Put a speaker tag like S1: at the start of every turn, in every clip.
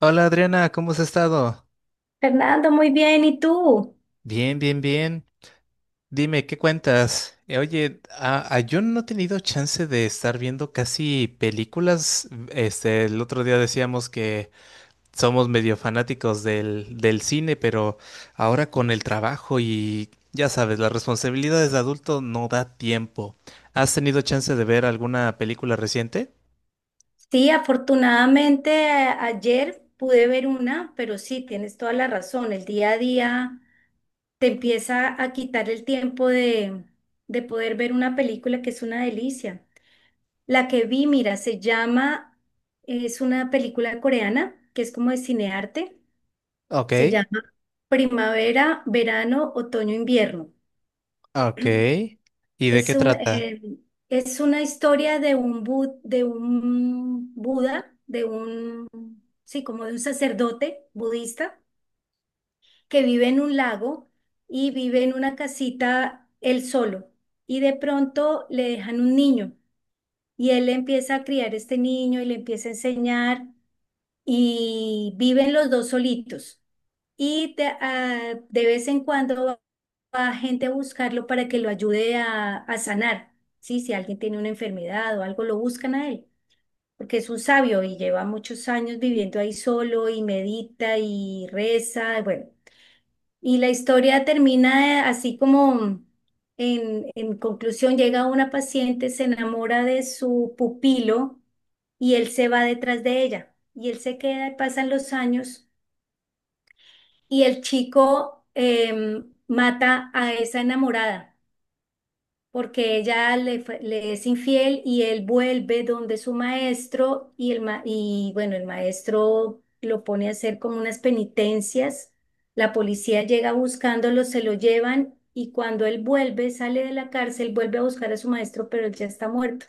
S1: Hola Adriana, ¿cómo has estado?
S2: Fernando, muy bien. ¿Y tú?
S1: Bien, bien, bien. Dime, ¿qué cuentas? Oye, yo no he tenido chance de estar viendo casi películas. Este, el otro día decíamos que somos medio fanáticos del cine, pero ahora con el trabajo y ya sabes, las responsabilidades de adulto no da tiempo. ¿Has tenido chance de ver alguna película reciente?
S2: Sí, afortunadamente ayer pude ver una, pero sí, tienes toda la razón. El día a día te empieza a quitar el tiempo de poder ver una película que es una delicia. La que vi, mira, se llama, es una película coreana que es como de cinearte.
S1: Ok,
S2: Se llama Primavera, Verano, Otoño, Invierno.
S1: ok. ¿Y de qué
S2: Es
S1: trata?
S2: es una historia de un, de un Buda, de un, sí, como de un sacerdote budista que vive en un lago y vive en una casita él solo. Y de pronto le dejan un niño y él empieza a criar este niño y le empieza a enseñar y viven los dos solitos. De vez en cuando va va gente a buscarlo para que lo ayude a sanar. Sí, si alguien tiene una enfermedad o algo, lo buscan a él, porque es un sabio y lleva muchos años viviendo ahí solo y medita y reza. Bueno, y la historia termina así como en conclusión, llega una paciente, se enamora de su pupilo y él se va detrás de ella. Y él se queda, y pasan los años y el chico mata a esa enamorada porque ella le es infiel y él vuelve donde su maestro y bueno, el maestro lo pone a hacer como unas penitencias. La policía llega buscándolo, se lo llevan y cuando él vuelve, sale de la cárcel, vuelve a buscar a su maestro, pero él ya está muerto.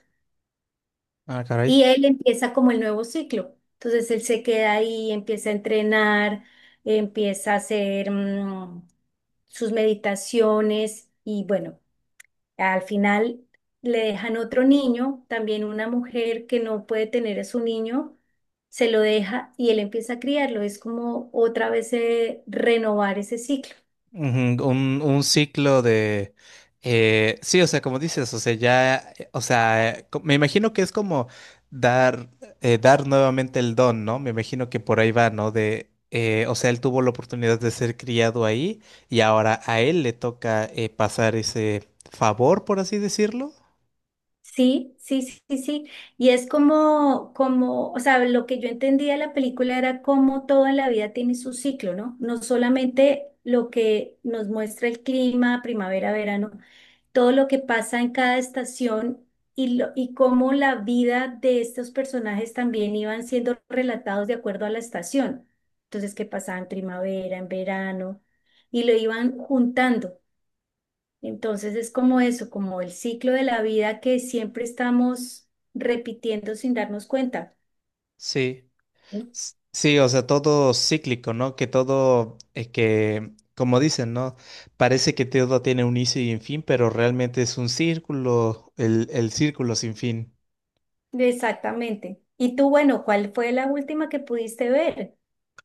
S1: Ah, caray.
S2: Y él empieza como el nuevo ciclo. Entonces él se queda ahí, empieza a entrenar, empieza a hacer sus meditaciones y bueno. Al final le dejan otro niño, también una mujer que no puede tener a su niño, se lo deja y él empieza a criarlo. Es como otra vez renovar ese ciclo.
S1: Ujú. Un ciclo de… sí, o sea, como dices, o sea, ya, o sea, me imagino que es como dar, dar nuevamente el don, ¿no? Me imagino que por ahí va, ¿no? De, o sea, él tuvo la oportunidad de ser criado ahí y ahora a él le toca pasar ese favor, por así decirlo.
S2: Sí, sí, sí, sí, sí. Y es o sea, lo que yo entendía de la película era como todo en la vida tiene su ciclo, ¿no? No solamente lo que nos muestra el clima, primavera, verano, todo lo que pasa en cada estación y cómo la vida de estos personajes también iban siendo relatados de acuerdo a la estación. Entonces, qué pasaba en primavera, en verano, y lo iban juntando. Entonces es como eso, como el ciclo de la vida que siempre estamos repitiendo sin darnos cuenta.
S1: Sí.
S2: ¿Sí?
S1: Sí, o sea, todo cíclico, ¿no? Que todo, que, como dicen, ¿no? Parece que todo tiene un inicio y un fin, pero realmente es un círculo, el círculo sin fin.
S2: Exactamente. Y tú, bueno, ¿cuál fue la última que pudiste ver?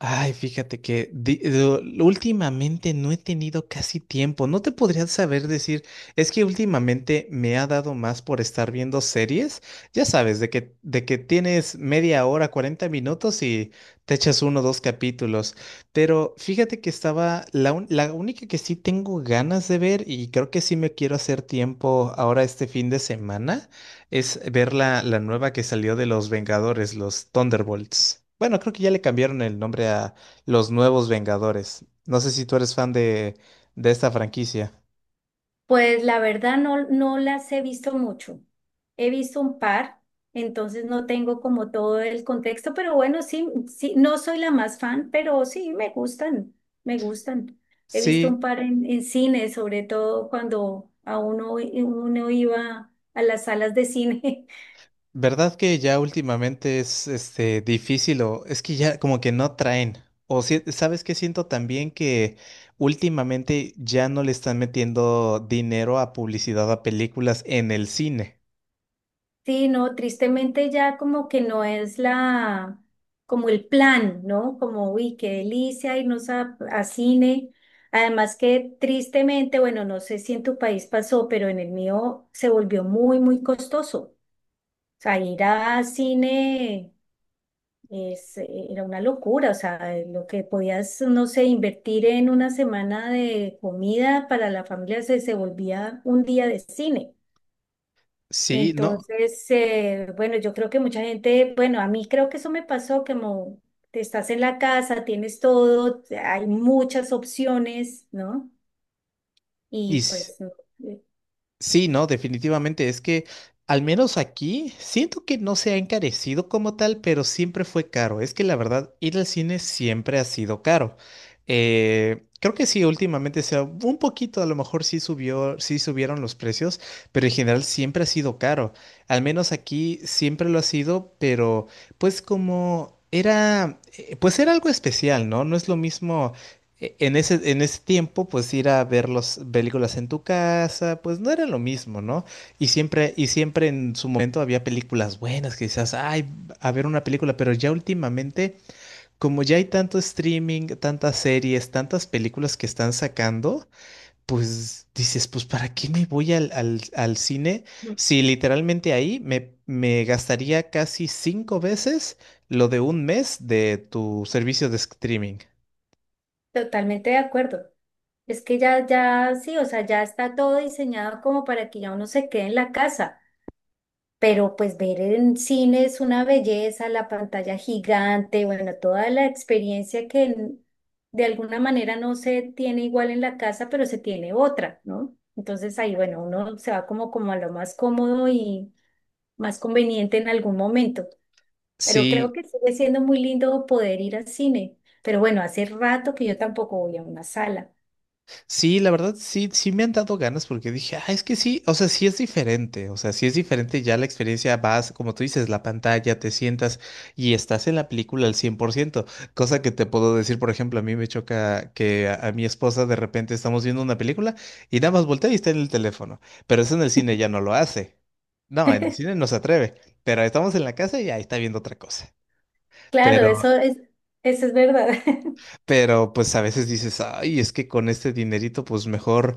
S1: Ay, fíjate que últimamente no he tenido casi tiempo. No te podría saber decir, es que últimamente me ha dado más por estar viendo series. Ya sabes, de que tienes media hora, 40 minutos y te echas uno o dos capítulos. Pero fíjate que estaba, la única que sí tengo ganas de ver y creo que sí me quiero hacer tiempo ahora este fin de semana es ver la nueva que salió de los Vengadores, los Thunderbolts. Bueno, creo que ya le cambiaron el nombre a los nuevos Vengadores. No sé si tú eres fan de esta franquicia.
S2: Pues la verdad no, no las he visto mucho. He visto un par, entonces no tengo como todo el contexto, pero bueno, sí, sí, no soy la más fan, pero sí me gustan, me gustan. He visto un
S1: Sí,
S2: par en cine, sobre todo cuando a uno, uno iba a las salas de cine
S1: verdad que ya últimamente es este difícil o es que ya como que no traen. O sabes que siento también que últimamente ya no le están metiendo dinero a publicidad a películas en el cine.
S2: Sí, no, tristemente ya como que no es la, como el plan, ¿no? Como, uy, qué delicia irnos a cine. Además que tristemente, bueno, no sé si en tu país pasó, pero en el mío se volvió muy, muy costoso. O sea, ir a cine es, era una locura. O sea, lo que podías, no sé, invertir en una semana de comida para la familia se volvía un día de cine.
S1: Sí, no.
S2: Entonces, bueno, yo creo que mucha gente, bueno, a mí creo que eso me pasó, como te estás en la casa, tienes todo, hay muchas opciones, ¿no?
S1: Y,
S2: Y pues no, eh,
S1: Sí, no, definitivamente. Es que al menos aquí siento que no se ha encarecido como tal, pero siempre fue caro. Es que la verdad, ir al cine siempre ha sido caro. Creo que sí, últimamente sea un poquito, a lo mejor sí subió, sí subieron los precios, pero en general siempre ha sido caro. Al menos aquí siempre lo ha sido, pero pues como era, pues era algo especial, ¿no? No es lo mismo en ese, en ese tiempo, pues ir a ver las películas en tu casa, pues no era lo mismo, ¿no? Y siempre en su momento había películas buenas que decías, ay, a ver una película, pero ya últimamente, como ya hay tanto streaming, tantas series, tantas películas que están sacando, pues dices, pues ¿para qué me voy al cine si literalmente ahí me gastaría casi 5 veces lo de un mes de tu servicio de streaming?
S2: totalmente de acuerdo. Es que sí, o sea, ya está todo diseñado como para que ya uno se quede en la casa. Pero pues ver en cine es una belleza, la pantalla gigante, bueno, toda la experiencia de alguna manera no se tiene igual en la casa, pero se tiene otra, ¿no? Entonces ahí, bueno, uno se va como a lo más cómodo y más conveniente en algún momento. Pero creo
S1: Sí,
S2: que sigue siendo muy lindo poder ir al cine. Pero bueno, hace rato que yo tampoco voy a una sala.
S1: sí, la verdad, sí, sí me han dado ganas porque dije, ah, es que sí, o sea, sí es diferente, o sea, sí es diferente, ya la experiencia vas, como tú dices, la pantalla, te sientas y estás en la película al 100%, cosa que te puedo decir, por ejemplo, a mí me choca que a mi esposa de repente estamos viendo una película y nada más voltea y está en el teléfono, pero eso en el cine ya no lo hace, no, en el cine no se atreve, pero estamos en la casa y ahí está viendo otra cosa.
S2: Claro,
S1: Pero
S2: eso es verdad.
S1: pero pues a veces dices, ay, es que con este dinerito, pues mejor,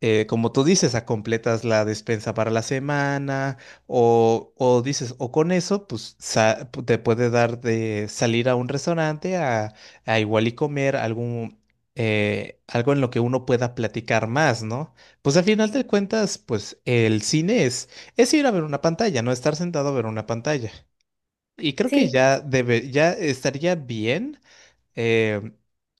S1: como tú dices, a completas la despensa para la semana, o dices, o con eso, pues te puede dar de salir a un restaurante a igual y comer algún, algo en lo que uno pueda platicar más, ¿no? Pues al final de cuentas, pues el cine es ir a ver una pantalla, no estar sentado a ver una pantalla. Y creo que
S2: Sí.
S1: ya debe, ya estaría bien eh,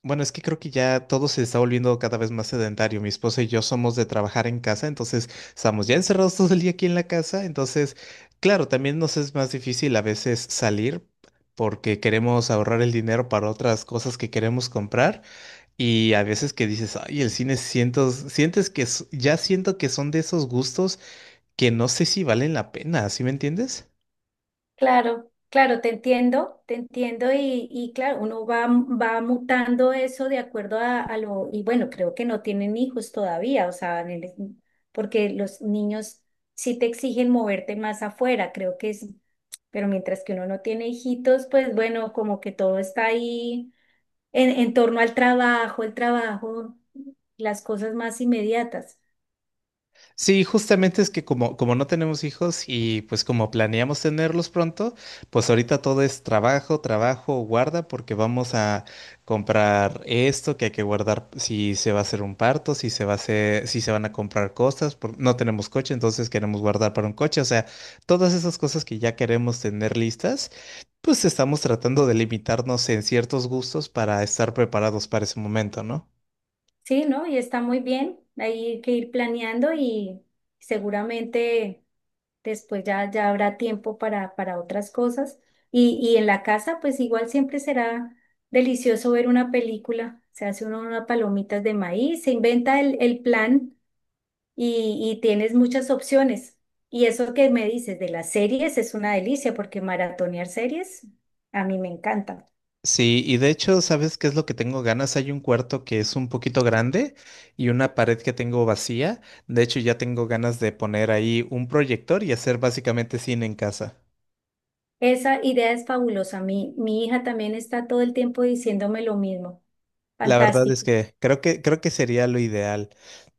S1: bueno, es que creo que ya todo se está volviendo cada vez más sedentario. Mi esposa y yo somos de trabajar en casa, entonces estamos ya encerrados todo el día aquí en la casa. Entonces, claro, también nos es más difícil a veces salir porque queremos ahorrar el dinero para otras cosas que queremos comprar. Y a veces que dices, ay, el cine siento, sientes que ya siento que son de esos gustos que no sé si valen la pena, ¿sí me entiendes?
S2: Claro, claro, te entiendo y claro, uno va, va mutando eso de acuerdo y bueno, creo que no tienen hijos todavía, o sea, porque los niños sí te exigen moverte más afuera, creo que es, pero mientras que uno no tiene hijitos, pues bueno, como que todo está ahí en torno al trabajo, el trabajo, las cosas más inmediatas.
S1: Sí, justamente es que como no tenemos hijos y pues como planeamos tenerlos pronto, pues ahorita todo es trabajo, trabajo, guarda, porque vamos a comprar esto que hay que guardar si se va a hacer un parto, si se va a hacer, si se van a comprar cosas, no tenemos coche, entonces queremos guardar para un coche, o sea, todas esas cosas que ya queremos tener listas, pues estamos tratando de limitarnos en ciertos gustos para estar preparados para ese momento, ¿no?
S2: Sí, ¿no? Y está muy bien. Hay que ir planeando y seguramente después ya, ya habrá tiempo para otras cosas. Y en la casa, pues igual siempre será delicioso ver una película. Se hace uno unas palomitas de maíz, se inventa el plan y tienes muchas opciones. Y eso que me dices de las series es una delicia porque maratonear series a mí me encanta.
S1: Sí, y de hecho, ¿sabes qué es lo que tengo ganas? Hay un cuarto que es un poquito grande y una pared que tengo vacía. De hecho, ya tengo ganas de poner ahí un proyector y hacer básicamente cine en casa.
S2: Esa idea es fabulosa. Mi hija también está todo el tiempo diciéndome lo mismo.
S1: La verdad
S2: Fantástico.
S1: es que creo que sería lo ideal.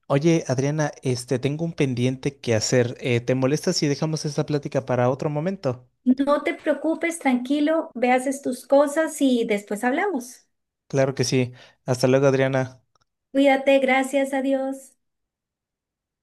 S1: Oye, Adriana, este, tengo un pendiente que hacer. ¿Te molesta si dejamos esta plática para otro momento?
S2: No te preocupes, tranquilo, ve, tus cosas y después hablamos.
S1: Claro que sí. Hasta luego, Adriana.
S2: Cuídate, gracias a Dios.